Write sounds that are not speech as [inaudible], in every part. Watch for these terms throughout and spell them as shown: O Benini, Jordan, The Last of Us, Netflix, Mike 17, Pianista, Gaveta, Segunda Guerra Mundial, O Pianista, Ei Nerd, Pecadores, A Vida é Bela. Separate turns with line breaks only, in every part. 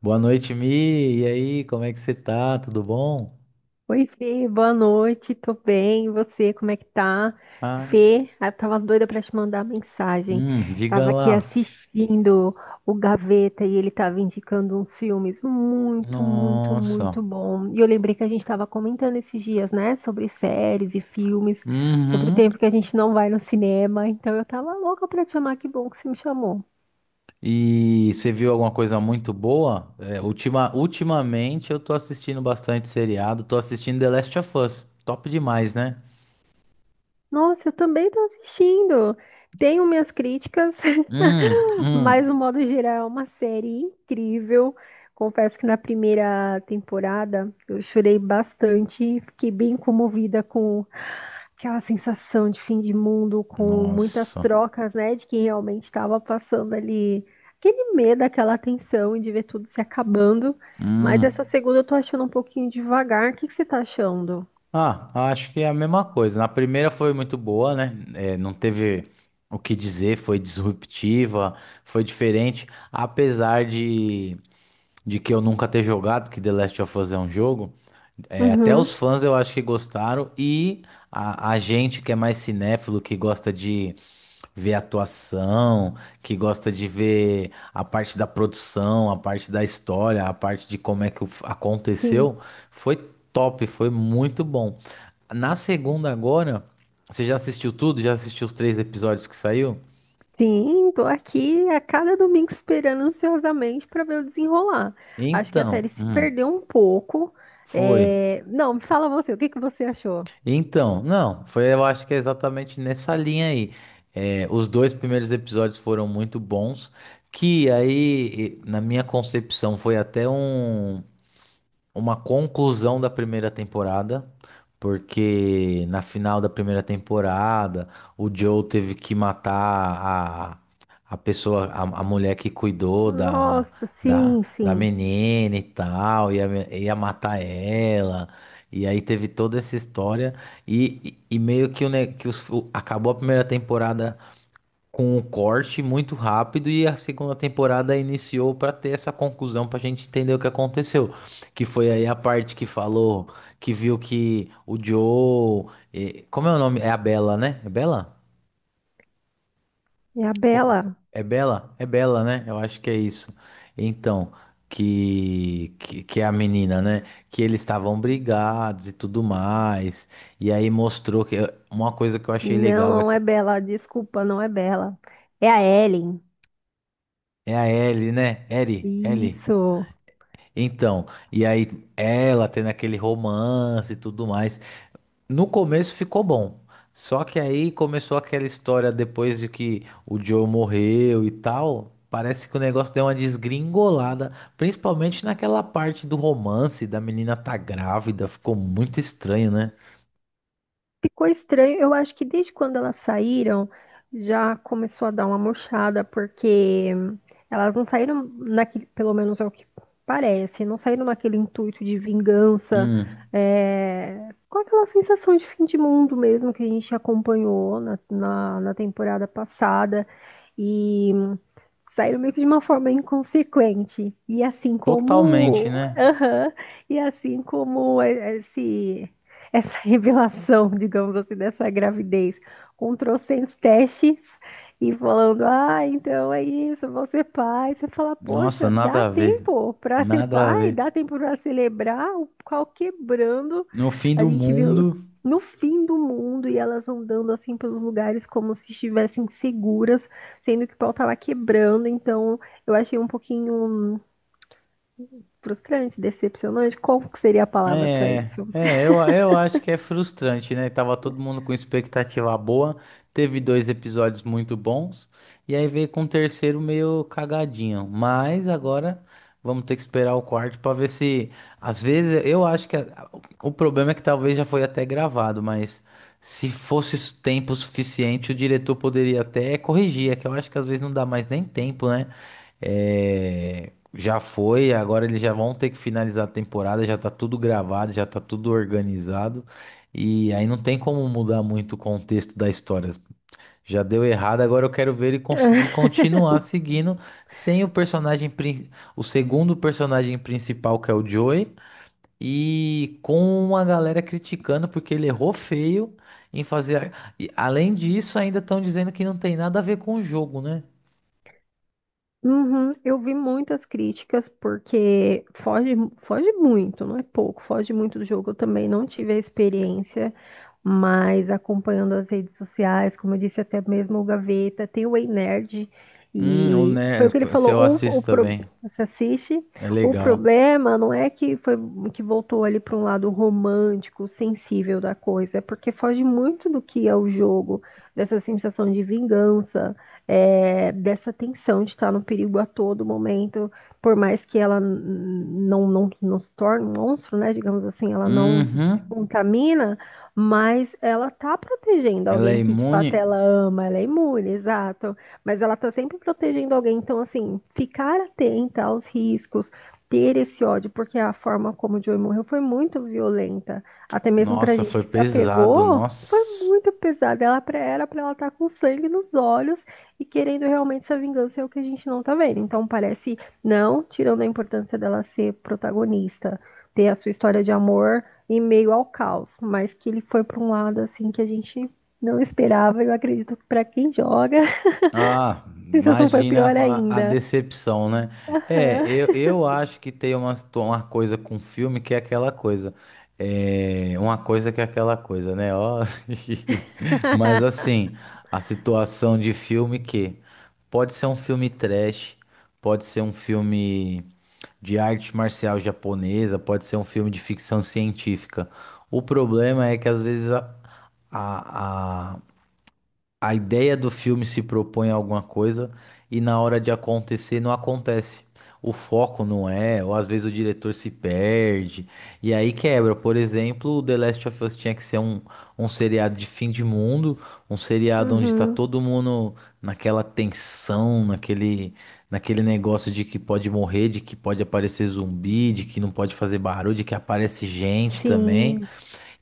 Boa noite, Mi. E aí, como é que você tá? Tudo bom?
Oi, Fê, boa noite, tô bem, e você, como é que tá?
Ai,
Fê, eu tava doida pra te mandar mensagem.
diga
Tava
lá.
aqui assistindo o Gaveta e ele tava indicando uns filmes muito, muito,
Nossa.
muito bom. E eu lembrei que a gente tava comentando esses dias, né, sobre séries e filmes, sobre o
Uhum.
tempo que a gente não vai no cinema. Então eu tava louca pra te chamar, que bom que você me chamou.
E você viu alguma coisa muito boa? É, ultimamente eu tô assistindo bastante seriado, tô assistindo The Last of Us. Top demais, né?
Nossa, eu também tô assistindo. Tenho minhas críticas,
Hum,
[laughs] mas
hum.
no modo geral é uma série incrível. Confesso que na primeira temporada eu chorei bastante, fiquei bem comovida com aquela sensação de fim de mundo, com muitas
Nossa.
trocas, né, de quem realmente estava passando ali, aquele medo, aquela tensão de ver tudo se acabando. Mas essa
Hum.
segunda eu tô achando um pouquinho devagar. O que que você tá achando?
Ah, acho que é a mesma coisa. Na primeira foi muito boa, né? É, não teve o que dizer, foi disruptiva, foi diferente. Apesar de que eu nunca ter jogado, que The Last of Us é um jogo, é, até
Uhum,
os fãs eu acho que gostaram. E a gente que é mais cinéfilo, que gosta de ver a atuação, que gosta de ver a parte da produção, a parte da história, a parte de como é que
sim.
aconteceu, foi top, foi muito bom. Na segunda agora, você já assistiu tudo? Já assistiu os três episódios que saiu?
Sim, tô aqui a cada domingo esperando ansiosamente para ver o desenrolar. Acho que a série
Então,
se perdeu um pouco.
foi.
É, não, me fala você, o que que você achou?
Então, não, foi, eu acho que é exatamente nessa linha aí. É, os dois primeiros episódios foram muito bons, que aí, na minha concepção, foi até uma conclusão da primeira temporada, porque na final da primeira temporada o Joe teve que matar a, pessoa, a mulher que cuidou da,
Nossa,
da,
sim,
da
sim.
menina e tal, ia matar ela. E aí teve toda essa história e meio que, o, ne- que os- o- acabou a primeira temporada com um corte muito rápido e a segunda temporada iniciou para ter essa conclusão para a gente entender o que aconteceu, que foi aí a parte que falou que viu que o Joe, como é o nome? É a Bella, né? É Bella?
É a Bela.
É Bella? É Bella, né? Eu acho que é isso. Então, que é a menina, né? Que eles estavam brigados e tudo mais. E aí mostrou que uma coisa que eu achei
Não,
legal é
não
que
é Bela, desculpa, não é Bela. É a Ellen.
é a Ellie, né? Ellie, Ellie.
Isso.
Então, e aí ela tendo aquele romance e tudo mais. No começo ficou bom. Só que aí começou aquela história depois de que o Joe morreu e tal. Parece que o negócio deu uma desgringolada, principalmente naquela parte do romance da menina tá grávida, ficou muito estranho, né?
Ficou estranho. Eu acho que desde quando elas saíram, já começou a dar uma murchada, porque elas não saíram naquele, pelo menos é o que parece, não saíram naquele intuito de vingança,
Hum,
é, com aquela sensação de fim de mundo mesmo que a gente acompanhou na temporada passada. E saíram meio que de uma forma inconsequente. E assim
totalmente,
como.
né?
Aham. E assim como é essa [laughs] revelação, digamos assim, dessa gravidez, com trocentos testes e falando: ah, então é isso, vou ser pai. Você fala:
Nossa,
poxa, dá
nada a ver.
tempo para ser
Nada a
pai,
ver.
dá tempo para celebrar, o pau quebrando.
No fim
A
do
gente viu
mundo.
no fim do mundo e elas andando assim pelos lugares como se estivessem seguras sendo que o pau tava quebrando, então eu achei um pouquinho frustrante, decepcionante. Qual que seria a palavra para
É,
isso?
é, eu acho que é frustrante, né? Tava todo mundo com expectativa boa, teve dois episódios muito bons, e aí veio com o terceiro meio cagadinho. Mas agora vamos ter que esperar o quarto pra ver se. Às vezes eu acho que o problema é que talvez já foi até gravado, mas se fosse tempo suficiente, o diretor poderia até corrigir. É que eu acho que às vezes não dá mais nem tempo, né? É, já foi, agora eles já vão ter que finalizar a temporada, já tá tudo gravado, já tá tudo organizado. E aí não tem como mudar muito o contexto da história. Já deu errado, agora eu quero ver ele conseguir
[laughs]
continuar seguindo sem o personagem, o segundo personagem principal, que é o Joey, e com uma galera criticando porque ele errou feio em fazer. E além disso, ainda estão dizendo que não tem nada a ver com o jogo, né?
Uhum, eu vi muitas críticas porque foge, foge muito, não é pouco, foge muito do jogo. Eu também não tive a experiência, mas acompanhando as redes sociais, como eu disse, até mesmo o Gaveta, tem o Ei Nerd,
Hum.
e foi o que ele
Se
falou,
eu assisto também.
você assiste,
É
o
legal.
problema não é que foi que voltou ali para um lado romântico, sensível da coisa, é porque foge muito do que é o jogo, dessa sensação de vingança, é, dessa tensão de estar no perigo a todo momento, por mais que ela não se torne um monstro, né? Digamos assim, ela não se
Uhum.
contamina, mas ela tá protegendo
Ela é
alguém que de
imune?
fato ela ama, ela é imune, exato. Mas ela tá sempre protegendo alguém, então assim, ficar atenta aos riscos. Ter esse ódio, porque a forma como o Joey morreu foi muito violenta. Até mesmo pra
Nossa,
gente
foi
que se
pesado,
apegou, foi
nossa.
muito pesado. Era pra ela estar com sangue nos olhos e querendo realmente essa vingança é o que a gente não tá vendo. Então parece, não tirando a importância dela ser protagonista, ter a sua história de amor em meio ao caos, mas que ele foi pra um lado assim que a gente não esperava. Eu acredito que pra quem joga, [laughs] a
Ah,
sensação foi
imagina
pior
a
ainda.
decepção, né? É,
Aham.
eu acho que tem uma, uma coisa com filme que é aquela coisa. É, uma coisa que é aquela coisa, né? Ó, [laughs] mas
[laughs]
assim, a situação de filme que pode ser um filme trash, pode ser um filme de arte marcial japonesa, pode ser um filme de ficção científica. O problema é que às vezes a, a ideia do filme se propõe a alguma coisa e na hora de acontecer não acontece. O foco não é, ou às vezes o diretor se perde, e aí quebra. Por exemplo, o The Last of Us tinha que ser um seriado de fim de mundo, um seriado onde tá
Uhum.
todo mundo naquela tensão, naquele negócio de que pode morrer, de que pode aparecer zumbi, de que não pode fazer barulho, de que aparece gente também.
Sim.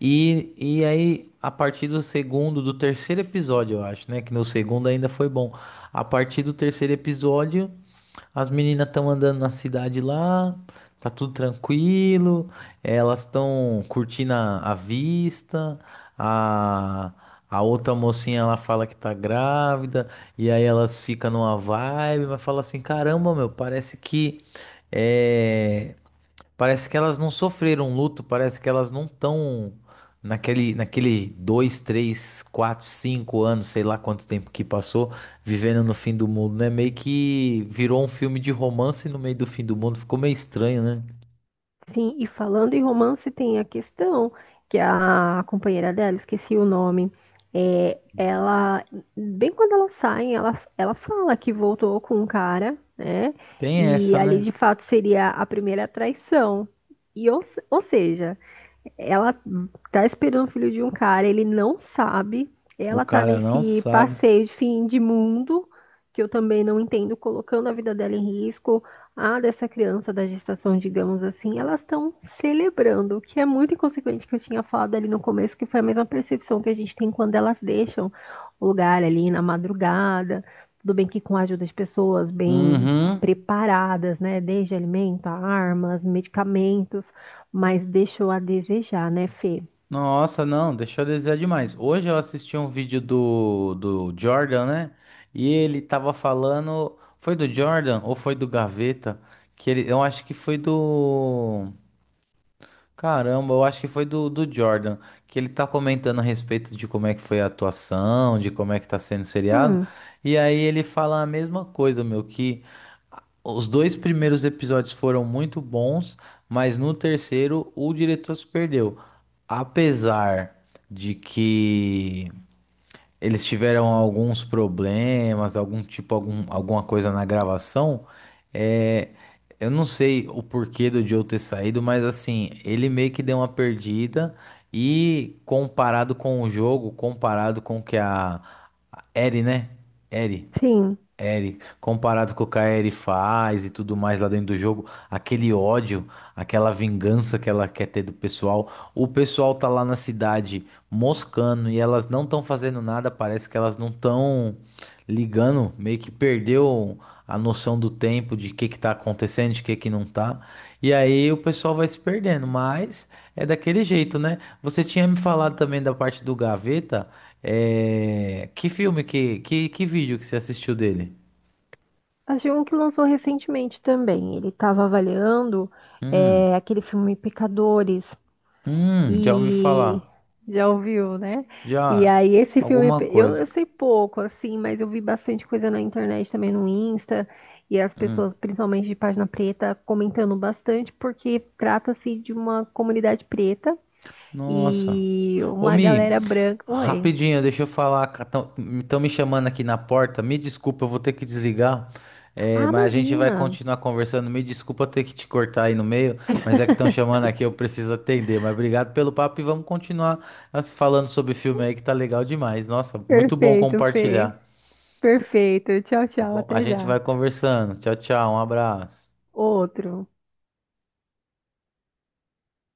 E aí, a partir do segundo, do terceiro episódio, eu acho, né? Que no segundo ainda foi bom. A partir do terceiro episódio, as meninas estão andando na cidade lá, tá tudo tranquilo, elas estão curtindo a vista, a, a outra mocinha ela fala que tá grávida, e aí elas ficam numa vibe, mas fala assim: caramba, meu, eh, Parece que elas não sofreram luto, parece que elas não estão naquele, dois, três, quatro, cinco anos, sei lá quanto tempo que passou, vivendo no fim do mundo, né? Meio que virou um filme de romance no meio do fim do mundo, ficou meio estranho, né?
Sim, e falando em romance, tem a questão que a companheira dela, esqueci o nome, é, ela, bem quando elas saem, ela fala que voltou com um cara, né?
Tem
E
essa,
ali
né?
de fato seria a primeira traição. E ou seja, ela tá esperando o filho de um cara, ele não sabe,
O
ela tá
cara não
nesse
sabe.
passeio de fim de mundo, que eu também não entendo, colocando a vida dela em risco a dessa criança da gestação, digamos assim, elas estão celebrando, o que é muito inconsequente que eu tinha falado ali no começo, que foi a mesma percepção que a gente tem quando elas deixam o lugar ali na madrugada, tudo bem que com a ajuda de pessoas bem
Uhum.
preparadas, né, desde alimento, a armas, medicamentos, mas deixou a desejar, né, Fê?
Nossa, não, deixou a desejar demais. Hoje eu assisti um vídeo do Jordan, né? E ele tava falando. Foi do Jordan ou foi do Gaveta? Que ele, eu acho que foi do. Caramba, eu acho que foi do Jordan. Que ele tá comentando a respeito de como é que foi a atuação, de como é que tá sendo o seriado.
Hum,
E aí ele fala a mesma coisa, meu, que. Os dois primeiros episódios foram muito bons, mas no terceiro o diretor se perdeu. Apesar de que eles tiveram alguns problemas, algum tipo, alguma coisa na gravação, é, eu não sei o porquê do Joe ter saído, mas assim, ele meio que deu uma perdida e comparado com o jogo, comparado com o que a Eri, né? Eri.
sim.
Eri, comparado com o que a Eri faz e tudo mais lá dentro do jogo, aquele ódio, aquela vingança que ela quer ter do pessoal, o pessoal tá lá na cidade moscando e elas não estão fazendo nada, parece que elas não estão ligando, meio que perdeu a noção do tempo, de o que que tá acontecendo, de o que que não tá. E aí o pessoal vai se perdendo, mas é daquele jeito, né? Você tinha me falado também da parte do Gaveta. É... Que filme, que vídeo que você assistiu dele?
Achei um que lançou recentemente também. Ele estava avaliando
Hum,
é, aquele filme Pecadores.
já ouvi
E
falar.
já ouviu, né? E
Já,
aí esse filme,
alguma coisa.
eu sei pouco, assim, mas eu vi bastante coisa na internet também no Insta, e as
Hum,
pessoas, principalmente de página preta, comentando bastante, porque trata-se de uma comunidade preta
nossa.
e
Ô,
uma
Mi,
galera branca. Oi.
rapidinho, deixa eu falar. Estão me chamando aqui na porta. Me desculpa, eu vou ter que desligar. É,
Ah,
mas a gente vai
imagina!
continuar conversando. Me desculpa ter que te cortar aí no meio, mas é que estão chamando aqui, eu preciso atender. Mas obrigado pelo papo e vamos continuar nós falando sobre filme aí que tá legal demais. Nossa, muito bom
Perfeito, Fê.
compartilhar.
Perfeito. Tchau,
Tá
tchau,
bom? A
até
gente
já.
vai conversando. Tchau, tchau. Um abraço.
Outro.